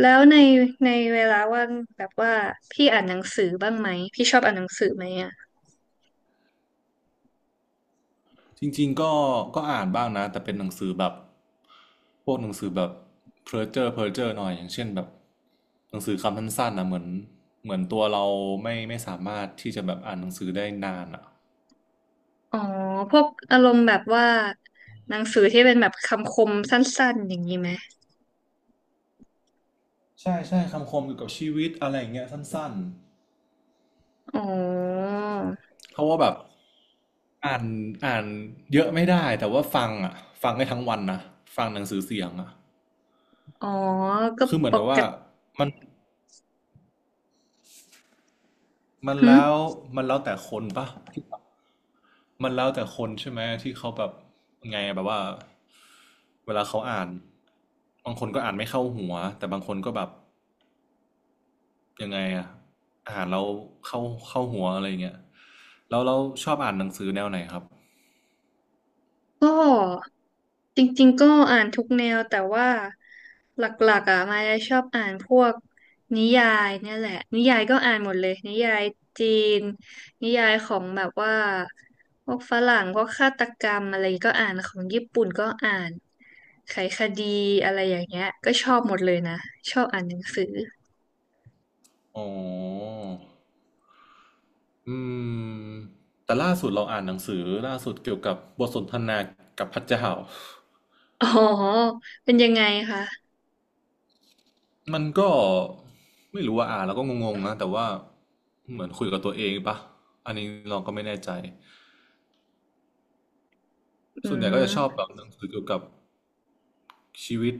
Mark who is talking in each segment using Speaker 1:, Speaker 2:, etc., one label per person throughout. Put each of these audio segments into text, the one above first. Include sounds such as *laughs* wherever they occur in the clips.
Speaker 1: แล้วในเวลาว่างแบบว่าพี่อ่านหนังสือบ้างไหมพี่ชอบอ่านหนังสือไหมอ่ะ
Speaker 2: จริงๆก็อ่านบ้างนะแต่เป็นหนังสือแบบพวกหนังสือแบบเพ้์เจอร์หน่อยอย่างเช่นแบบหนังสือคำสั้นๆนะเหมือนตัวเราไม่สามารถที่จะแบบอ่านหนังสือได้นานอ่ะ
Speaker 1: อ๋อพวกอารมณ์แบบว่าหนังสือที่เป็นแบบคำคมสั้นๆอย่างนี้ไหม
Speaker 2: ใช่ใช่คำคมเกี่ยวกับชีวิตอะไรอย่างเงี้ยสั้น
Speaker 1: อ๋อ
Speaker 2: ๆเพราะว่าแบบอ่านอ่านเยอะไม่ได้แต่ว่าฟังอ่ะฟังได้ทั้งวันนะฟังหนังสือเสียงอ่ะ
Speaker 1: อ๋อก็
Speaker 2: คือเหมื
Speaker 1: ป
Speaker 2: อนกับ
Speaker 1: ก
Speaker 2: ว่า
Speaker 1: ติ
Speaker 2: มันมัน
Speaker 1: หึ
Speaker 2: แล้วมันแล้วแต่คนปะที่ มันแล้วแต่คนใช่ไหมที่เขาแบบไงอะแบบว่าเวลาเขาอ่านบางคนก็อ่านไม่เข้าหัวแต่บางคนก็แบบยังไงอะอ่านแล้วเข้าเข้าหัวอะไรอย่างเงี้ยแล้วเราชอบอ่านหนังสือแนวไหนครับ
Speaker 1: ก็ จริงๆก็อ่านทุกแนวแต่ว่าหลักๆอ่ะมายชอบอ่านพวกนิยายเนี่ยแหละนิยายก็อ่านหมดเลยนิยายจีนนิยายของแบบว่าพวกฝรั่งพวกฆาตกรรมอะไรก็อ่านของญี่ปุ่นก็อ่านไขคดีอะไรอย่างเงี้ยก็ชอบหมดเลยนะชอบอ่านหนังสือ
Speaker 2: อ๋ออืมแต่ล่าสุดเราอ่านหนังสือล่าสุดเกี่ยวกับบทสนทนากับพระเจ้า
Speaker 1: อ๋อเป็นยังไงคะ
Speaker 2: มันก็ไม่รู้ว่าอ่านแล้วก็งงๆนะแต่ว่าเหมือนคุยกับตัวเองปะอันนี้เราก็ไม่แน่ใจ
Speaker 1: อื
Speaker 2: ส่วนใหญ่ก็จะชอบ
Speaker 1: ม
Speaker 2: แบบหนังสือเกี่ยวกับชีวิต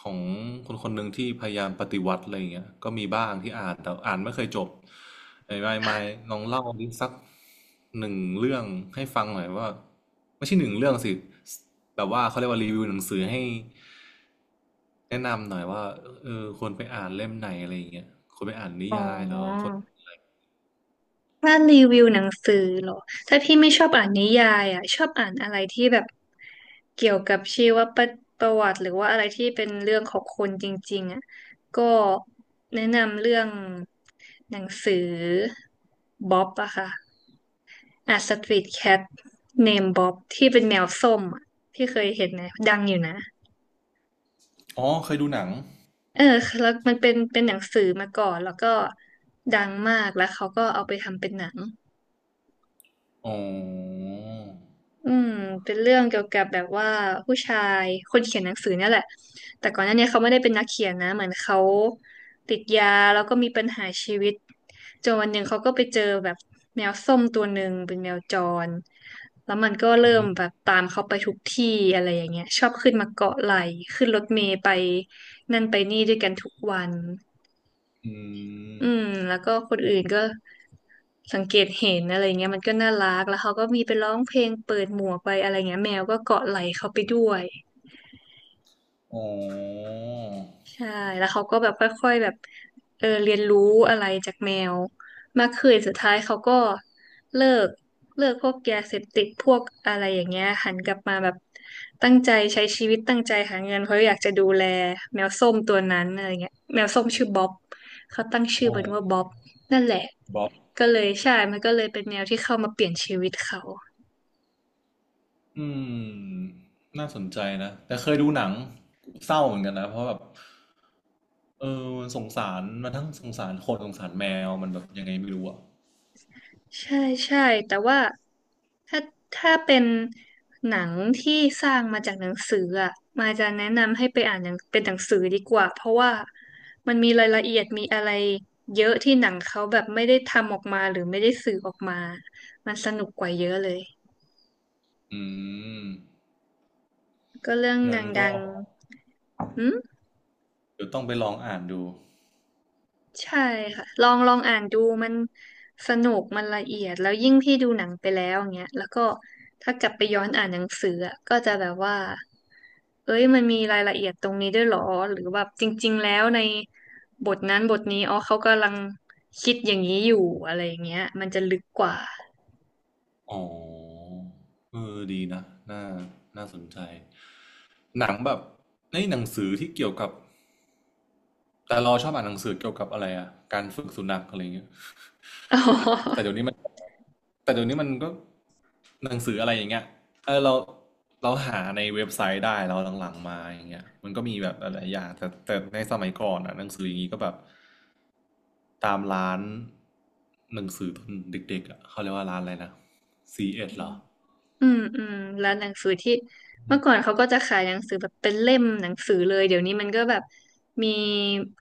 Speaker 2: ของคนคนหนึ่งที่พยายามปฏิวัติอะไรอย่างเงี้ยก็มีบ้างที่อ่านแต่อ่านไม่เคยจบไอ้ไม่ลองเล่าดิสักหนึ่งเรื่องให้ฟังหน่อยว่าไม่ใช่หนึ่งเรื่องสิแบบว่าเขาเรียกว่ารีวิวหนังสือให้แนะนำหน่อยว่าเออควรไปอ่านเล่มไหนอะไรอย่างเงี้ยควรไปอ่านนิ
Speaker 1: อ๋
Speaker 2: ยายเหรอ
Speaker 1: อ
Speaker 2: คน
Speaker 1: ถ้ารีวิวหนังสือเหรอถ้าพี่ไม่ชอบอ่านนิยายอ่ะชอบอ่านอะไรที่แบบเกี่ยวกับชีวประประวัติหรือว่าอะไรที่เป็นเรื่องของคนจริงๆอ่ะก็แนะนำเรื่องหนังสือบ๊อบอะค่ะอ่ะสตรีทแคทเนมบ๊อบที่เป็นแมวส้มอะพี่เคยเห็นไหมดังอยู่นะ
Speaker 2: อ๋อเคยดูหนัง
Speaker 1: เออแล้วมันเป็นหนังสือมาก่อนแล้วก็ดังมากแล้วเขาก็เอาไปทำเป็นหนัง
Speaker 2: อ๋อ
Speaker 1: อืมเป็นเรื่องเกี่ยวกับแบบว่าผู้ชายคนเขียนหนังสือเนี่ยแหละแต่ก่อนหน้าเนี้เขาไม่ได้เป็นนักเขียนนะเหมือนเขาติดยาแล้วก็มีปัญหาชีวิตจนวันหนึ่งเขาก็ไปเจอแบบแมวส้มตัวหนึ่งเป็นแมวจรแล้วมันก็
Speaker 2: อื
Speaker 1: เริ่
Speaker 2: อหื
Speaker 1: ม
Speaker 2: อ
Speaker 1: แบบตามเขาไปทุกที่อะไรอย่างเงี้ยชอบขึ้นมาเกาะไหล่ขึ้นรถเมล์ไปนั่นไปนี่ด้วยกันทุกวัน
Speaker 2: อืม
Speaker 1: อืมแล้วก็คนอื่นก็ สังเกตเห็นอะไรเงี้ยมันก็น่ารักแล้วเขาก็มีไปร้องเพลงเปิดหมวกไปอะไรเงี้ยแมวก็เกาะไหล่เขาไปด้วย
Speaker 2: อ๋อ
Speaker 1: ใช่แล้วเขาก็แบบค่อยๆแบบเออเรียนรู้อะไรจากแมวมากขึ้นสุดท้ายเขาก็เลิกเลิกพวกยาเสพติดพวกอะไรอย่างเงี้ยหันกลับมาแบบตั้งใจใช้ชีวิตตั้งใจหาเงินเพราะอยากจะดูแลแมวส้มตัวนั้นอะไรเงี้ยแมวส้มชื่อบ๊อบเขาตั้งชื่อ
Speaker 2: อ๋อ
Speaker 1: มันว่าบ๊อบนั่นแหละ
Speaker 2: บ๊อบ
Speaker 1: ก็เลยใช่มันก็เลยเป็นแมวที่เข้ามาเปลี่ยนชีวิตเขา
Speaker 2: อืมน่าสนใจนะแต่เคยดูหนังเศร้าเหมือนกันนะเพราะแบบเออมันสงสารมันทั้งสงสารคนสงสารแมวมันแบบยังไงไม่รู้อ่ะ
Speaker 1: ใช่ใช่แต่ว่าถ้าถ้าเป็นหนังที่สร้างมาจากหนังสืออ่ะมายจะแนะนำให้ไปอ่านหนังเป็นหนังสือดีกว่าเพราะว่ามันมีรายละเอียดมีอะไรเยอะที่หนังเขาแบบไม่ได้ทำออกมาหรือไม่ได้สื่อออกมามันสนุกกว่าเยอะเลย
Speaker 2: อืม
Speaker 1: ก็เรื่อง
Speaker 2: งั้น
Speaker 1: ดั
Speaker 2: ก็
Speaker 1: งๆหืม
Speaker 2: เดี๋ยวต้องไปลองอ่านดู
Speaker 1: ใช่ค่ะลองลองอ่านดูมันสนุกมันละเอียดแล้วยิ่งพี่ดูหนังไปแล้วอย่างเงี้ยแล้วก็ถ้ากลับไปย้อนอ่านหนังสืออะก็จะแบบว่าเอ้ยมันมีรายละเอียดตรงนี้ด้วยเหรอหรือแบบจริงๆแล้วในบทนั้นบทนี้อ๋อเขากำลังคิดอย่างนี้อยู่อะไรอย่างเงี้ยมันจะลึกกว่า
Speaker 2: อ๋อเออดีนะน่าน่าสนใจหนังแบบในหนังสือที่เกี่ยวกับแต่เราชอบอ่านหนังสือเกี่ยวกับอะไรอะการฝึกสุนัขอะไรเงี้ย
Speaker 1: อ๋
Speaker 2: แต่
Speaker 1: อ
Speaker 2: เดี๋ยวนี้มันแต่เดี๋ยวนี้มันก็หนังสืออะไรอย่างเงี้ยเออเราหาในเว็บไซต์ได้เราหลังๆมาอย่างเงี้ยมันก็มีแบบหลายๆอย่างแต่ในสมัยก่อนอ่ะหนังสืออย่างงี้ก็แบบตามร้านหนังสือตอนเด็กๆอ่ะเขาเรียกว่าร้านอะไรนะ CS เอสเหรอ
Speaker 1: อืมอืมร้านหนังสือที่เมื่อก่อนเขาก็จะขายหนังสือแบบเป็นเล่มหนังสือเลยเดี๋ยวนี้มันก็แบบมี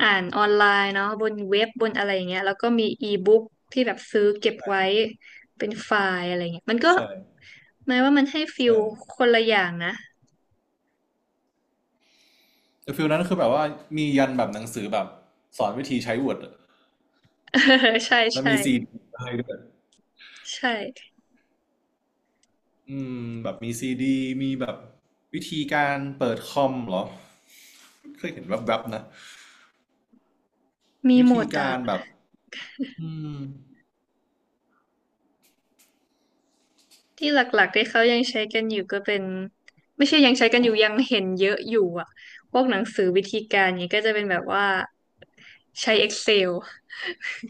Speaker 1: อ่านออนไลน์เนาะบนเว็บบนอะไรอย่างเงี้ยแล้วก็มีอีบุ๊กที่แบบซื้อเก็บไว้เป็นไฟล์อะไรเงี้ยมันก็
Speaker 2: ใช่
Speaker 1: หมายว่ามันให้ฟิล
Speaker 2: ใช่
Speaker 1: คนละอย่างนะ
Speaker 2: แต่ฟิลนั้นคือแบบว่ามียันแบบหนังสือแบบสอนวิธีใช้ Word อะ
Speaker 1: *laughs* ใช่
Speaker 2: แล้ว
Speaker 1: ใช่
Speaker 2: มีซีดีให้ด้วย
Speaker 1: ใช่
Speaker 2: อืมแบบมีซีดีมีแบบวิธีการเปิดคอมเหรอเคยเห็นแวบๆนะ
Speaker 1: มี
Speaker 2: วิ
Speaker 1: หม
Speaker 2: ธี
Speaker 1: ด
Speaker 2: การ
Speaker 1: อะ
Speaker 2: แบบอืม
Speaker 1: ที่หลักๆที่เขายังใช้กันอยู่ก็เป็นไม่ใช่ยังใช้กันอยู่ยังเห็นเยอะอยู่อะพวกหนังสือวิธีการเนี้ยก็จะเป็นแบบว่าใช้ Excel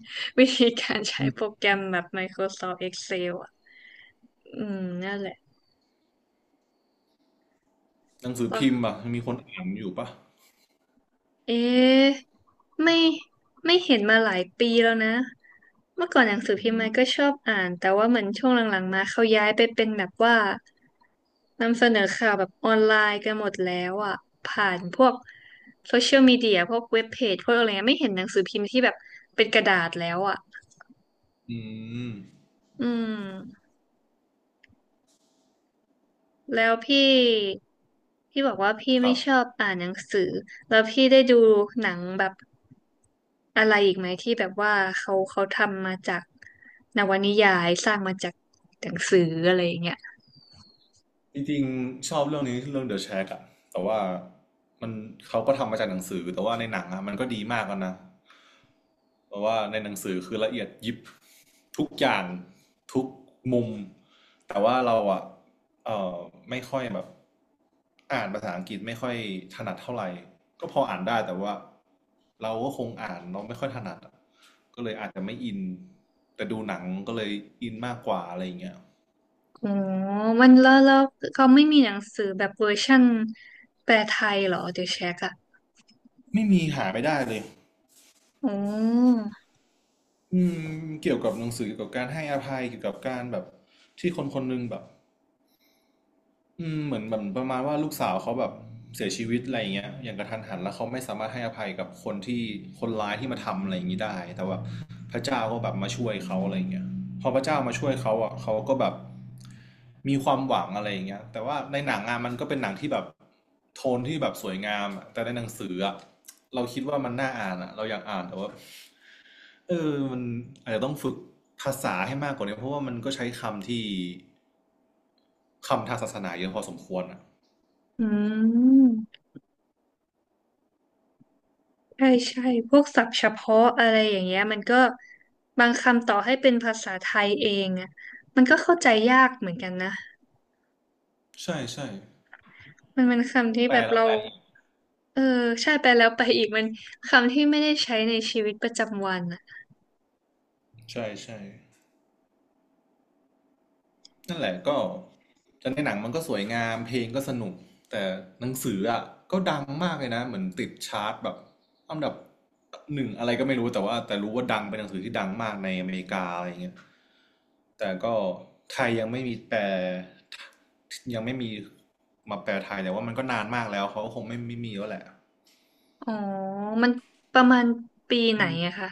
Speaker 1: *laughs* วิธีการใช้
Speaker 2: อืม
Speaker 1: โปรแกรมแบบ Microsoft Excel อ่ะ อืม นั่นแหละ
Speaker 2: หนังสือ
Speaker 1: ปะ
Speaker 2: พิมพ์อ่ะยังมีคนอ่านอยู่ปะ
Speaker 1: เอ๊ะไม่ไม่เห็นมาหลายปีแล้วนะ เมื่อก่อนหนังสือ
Speaker 2: อื
Speaker 1: พิมพ์มั
Speaker 2: ม
Speaker 1: นก็ชอบอ่าน แต่ว่าเหมือนช่วงหลังๆมาเขาย้ายไปเป็นแบบว่านำเสนอข่าวแบบออนไลน์กันหมดแล้วอ่ะ ผ่านพวกโซเชียลมีเดียพวกเว็บเพจพวกอะไรเงี้ยไม่เห็นหนังสือพิมพ์ที่แบบเป็นกระดาษแล้วอ่ะ
Speaker 2: อืม
Speaker 1: อืม แล้วพี่บอกว่าพี่
Speaker 2: ค
Speaker 1: ไม่
Speaker 2: รับ
Speaker 1: ชอบอ่านหนังสือแล้วพี่ได้ดูหนังแบบอะไรอีกไหมที่แบบว่าเขาเขาทำมาจากนวนิยายสร้างมาจากหนังสืออะไรอย่างเงี้ย
Speaker 2: จริงๆชอบเรื่องนี้เรื่อง The Shack อะแต่ว่ามันเขาก็ทำมาจากหนังสือแต่ว่าในหนังอะมันก็ดีมากแล้วนะเพราะว่าในหนังสือคือละเอียดยิบทุกอย่างทุกมุมแต่ว่าเราอะเอ่อไม่ค่อยแบบอ่านภาษาอังกฤษไม่ค่อยถนัดเท่าไหร่ก็พออ่านได้แต่ว่าเราก็คงอ่านเราไม่ค่อยถนัดอะก็เลยอาจจะไม่อินแต่ดูหนังก็เลยอินมากกว่าอะไรอย่างเงี้ย
Speaker 1: อ๋อมันแล้วเขาไม่มีหนังสือแบบเวอร์ชั่นแปลไทยเหรอเดี๋ยวเช็คอะ
Speaker 2: ไม่มีหาไม่ได้เลย
Speaker 1: อ๋อ
Speaker 2: อืมเกี่ยวกับหนังสือเกี่ยวกับการให้อภัยเกี่ยวกับการแบบที่คนคนหนึงแบบอืมเหมือนแบบประมาณว่าลูกสาวเขาแบบเสียชีวิตอะไรอย่างเงี้ยอย่างกระทันหันแล้วเขาไม่สามารถให้อภัยกับคนที่คนร้ายที่มาทำอะไรอย่างนี้ได้แต่ว่าพระเจ้าก็แบบมาช่วยเขาอะไรอย่างเงี้ยพอพระเจ้ามาช่วยเขาอ่ะเขาก็แบบมีความหวังอะไรอย่างเงี้ยแต่ว่าในหนังอ่ะมันก็เป็นหนังที่แบบโทนที่แบบสวยงามอะแต่ในหนังสืออ่ะเราคิดว่ามันน่าอ่านอ่ะเราอยากอ่านแต่ว่า เออมันอาจจะต้องฝึกภาษาให้มากกว่านี้เพราะว่ามันก็ใช้คำที่คำทางศาสนาเยอะพอสมควรอ่ะ
Speaker 1: อืม ใช่ใช่พวกศัพท์เฉพาะอะไรอย่างเงี้ยมันก็บางคำต่อให้เป็นภาษาไทยเองอ่ะมันก็เข้าใจยากเหมือนกันนะ
Speaker 2: ใช่ใช่
Speaker 1: มันเป็นคำที่
Speaker 2: แป
Speaker 1: แบ
Speaker 2: ล
Speaker 1: บ
Speaker 2: แล้ว
Speaker 1: เรา
Speaker 2: แปลอีก
Speaker 1: เออใช่ไปแล้วไปอีกมันคำที่ไม่ได้ใช้ในชีวิตประจำวันอ่ะ
Speaker 2: ใช่ใช่ นั่นแหละก็แต่ในหนังมันก็สวยงามเพลงก็สนุกแต่หนังสืออ่ะก็ดังมากเลยนะเหมือนติดชาร์ตแบบอันดับหนึ่งอะไรก็ไม่รู้แต่ว่าแต่รู้ว่าดังเป็นหนังสือที่ดังมากในอเมริกาอะไรเงี้ยแต่ก็ไทยยังไม่มีแปลยังไม่มีมาแปลไทยแต่ว่ามันก็นานมากแล้วเขาก็คงไม่มีแล้วแหละ
Speaker 1: อ๋อมันประมาณปีไหน
Speaker 2: อืม
Speaker 1: อะคะ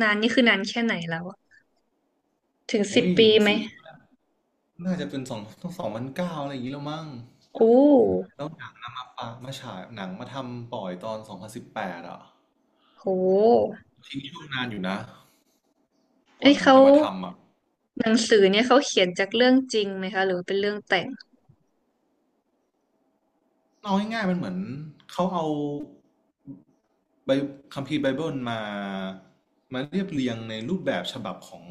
Speaker 1: นานนี่คือนานแค่ไหนแล้วอะถึงสิบ
Speaker 2: อุ้ย
Speaker 1: ปี
Speaker 2: หนัง
Speaker 1: ไหม
Speaker 2: สือ น่าจะเป็นสอง *laughs* 2009อะไรอย่างนี้แล้วมั้ง
Speaker 1: โอ้
Speaker 2: แล้วหนังนะมาปะมาฉายหนังมาทำปล่อยตอน2018อ่ะ
Speaker 1: โห
Speaker 2: ทิ้งช่วงนานอยู่นะก
Speaker 1: เอ้
Speaker 2: ว่า
Speaker 1: ย
Speaker 2: หนัง
Speaker 1: เขา
Speaker 2: จะมาทำอ่ะ
Speaker 1: หนังสือเนี่ยเขาเขียนจากเรื่องจริงไหมคะหรือเป็นเรื่องแต่ง
Speaker 2: เอาง่ายๆมันเหมือนเขาเอาไบคัมภีร์ไบเบิลมามาเรียบเรียงในรูปแบบฉบับของ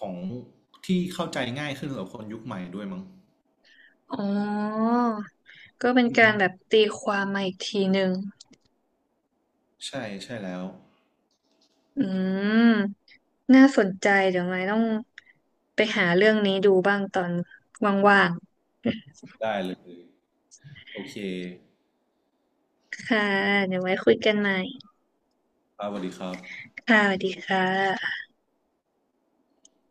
Speaker 2: ของที่เข้าใจง่ายขึ้นสำหรับคนยุคใหม่ด้วยมั้ง
Speaker 1: อ๋อ ก็เป็น
Speaker 2: อื
Speaker 1: การแบบ
Speaker 2: ม
Speaker 1: ตีความมาอีกทีหนึ่ง
Speaker 2: ใช่ใช่แล้ว
Speaker 1: อืม น่าสนใจเดี๋ยวไม้ต้องไปหาเรื่องนี้ดูบ้างตอนว่าง
Speaker 2: ได้เลยโอเค
Speaker 1: ๆค่ะ เดี๋ยวไว้คุยกันใหม่
Speaker 2: ครับสวัสดีครับ
Speaker 1: ค่ะสวัสดีค่ะ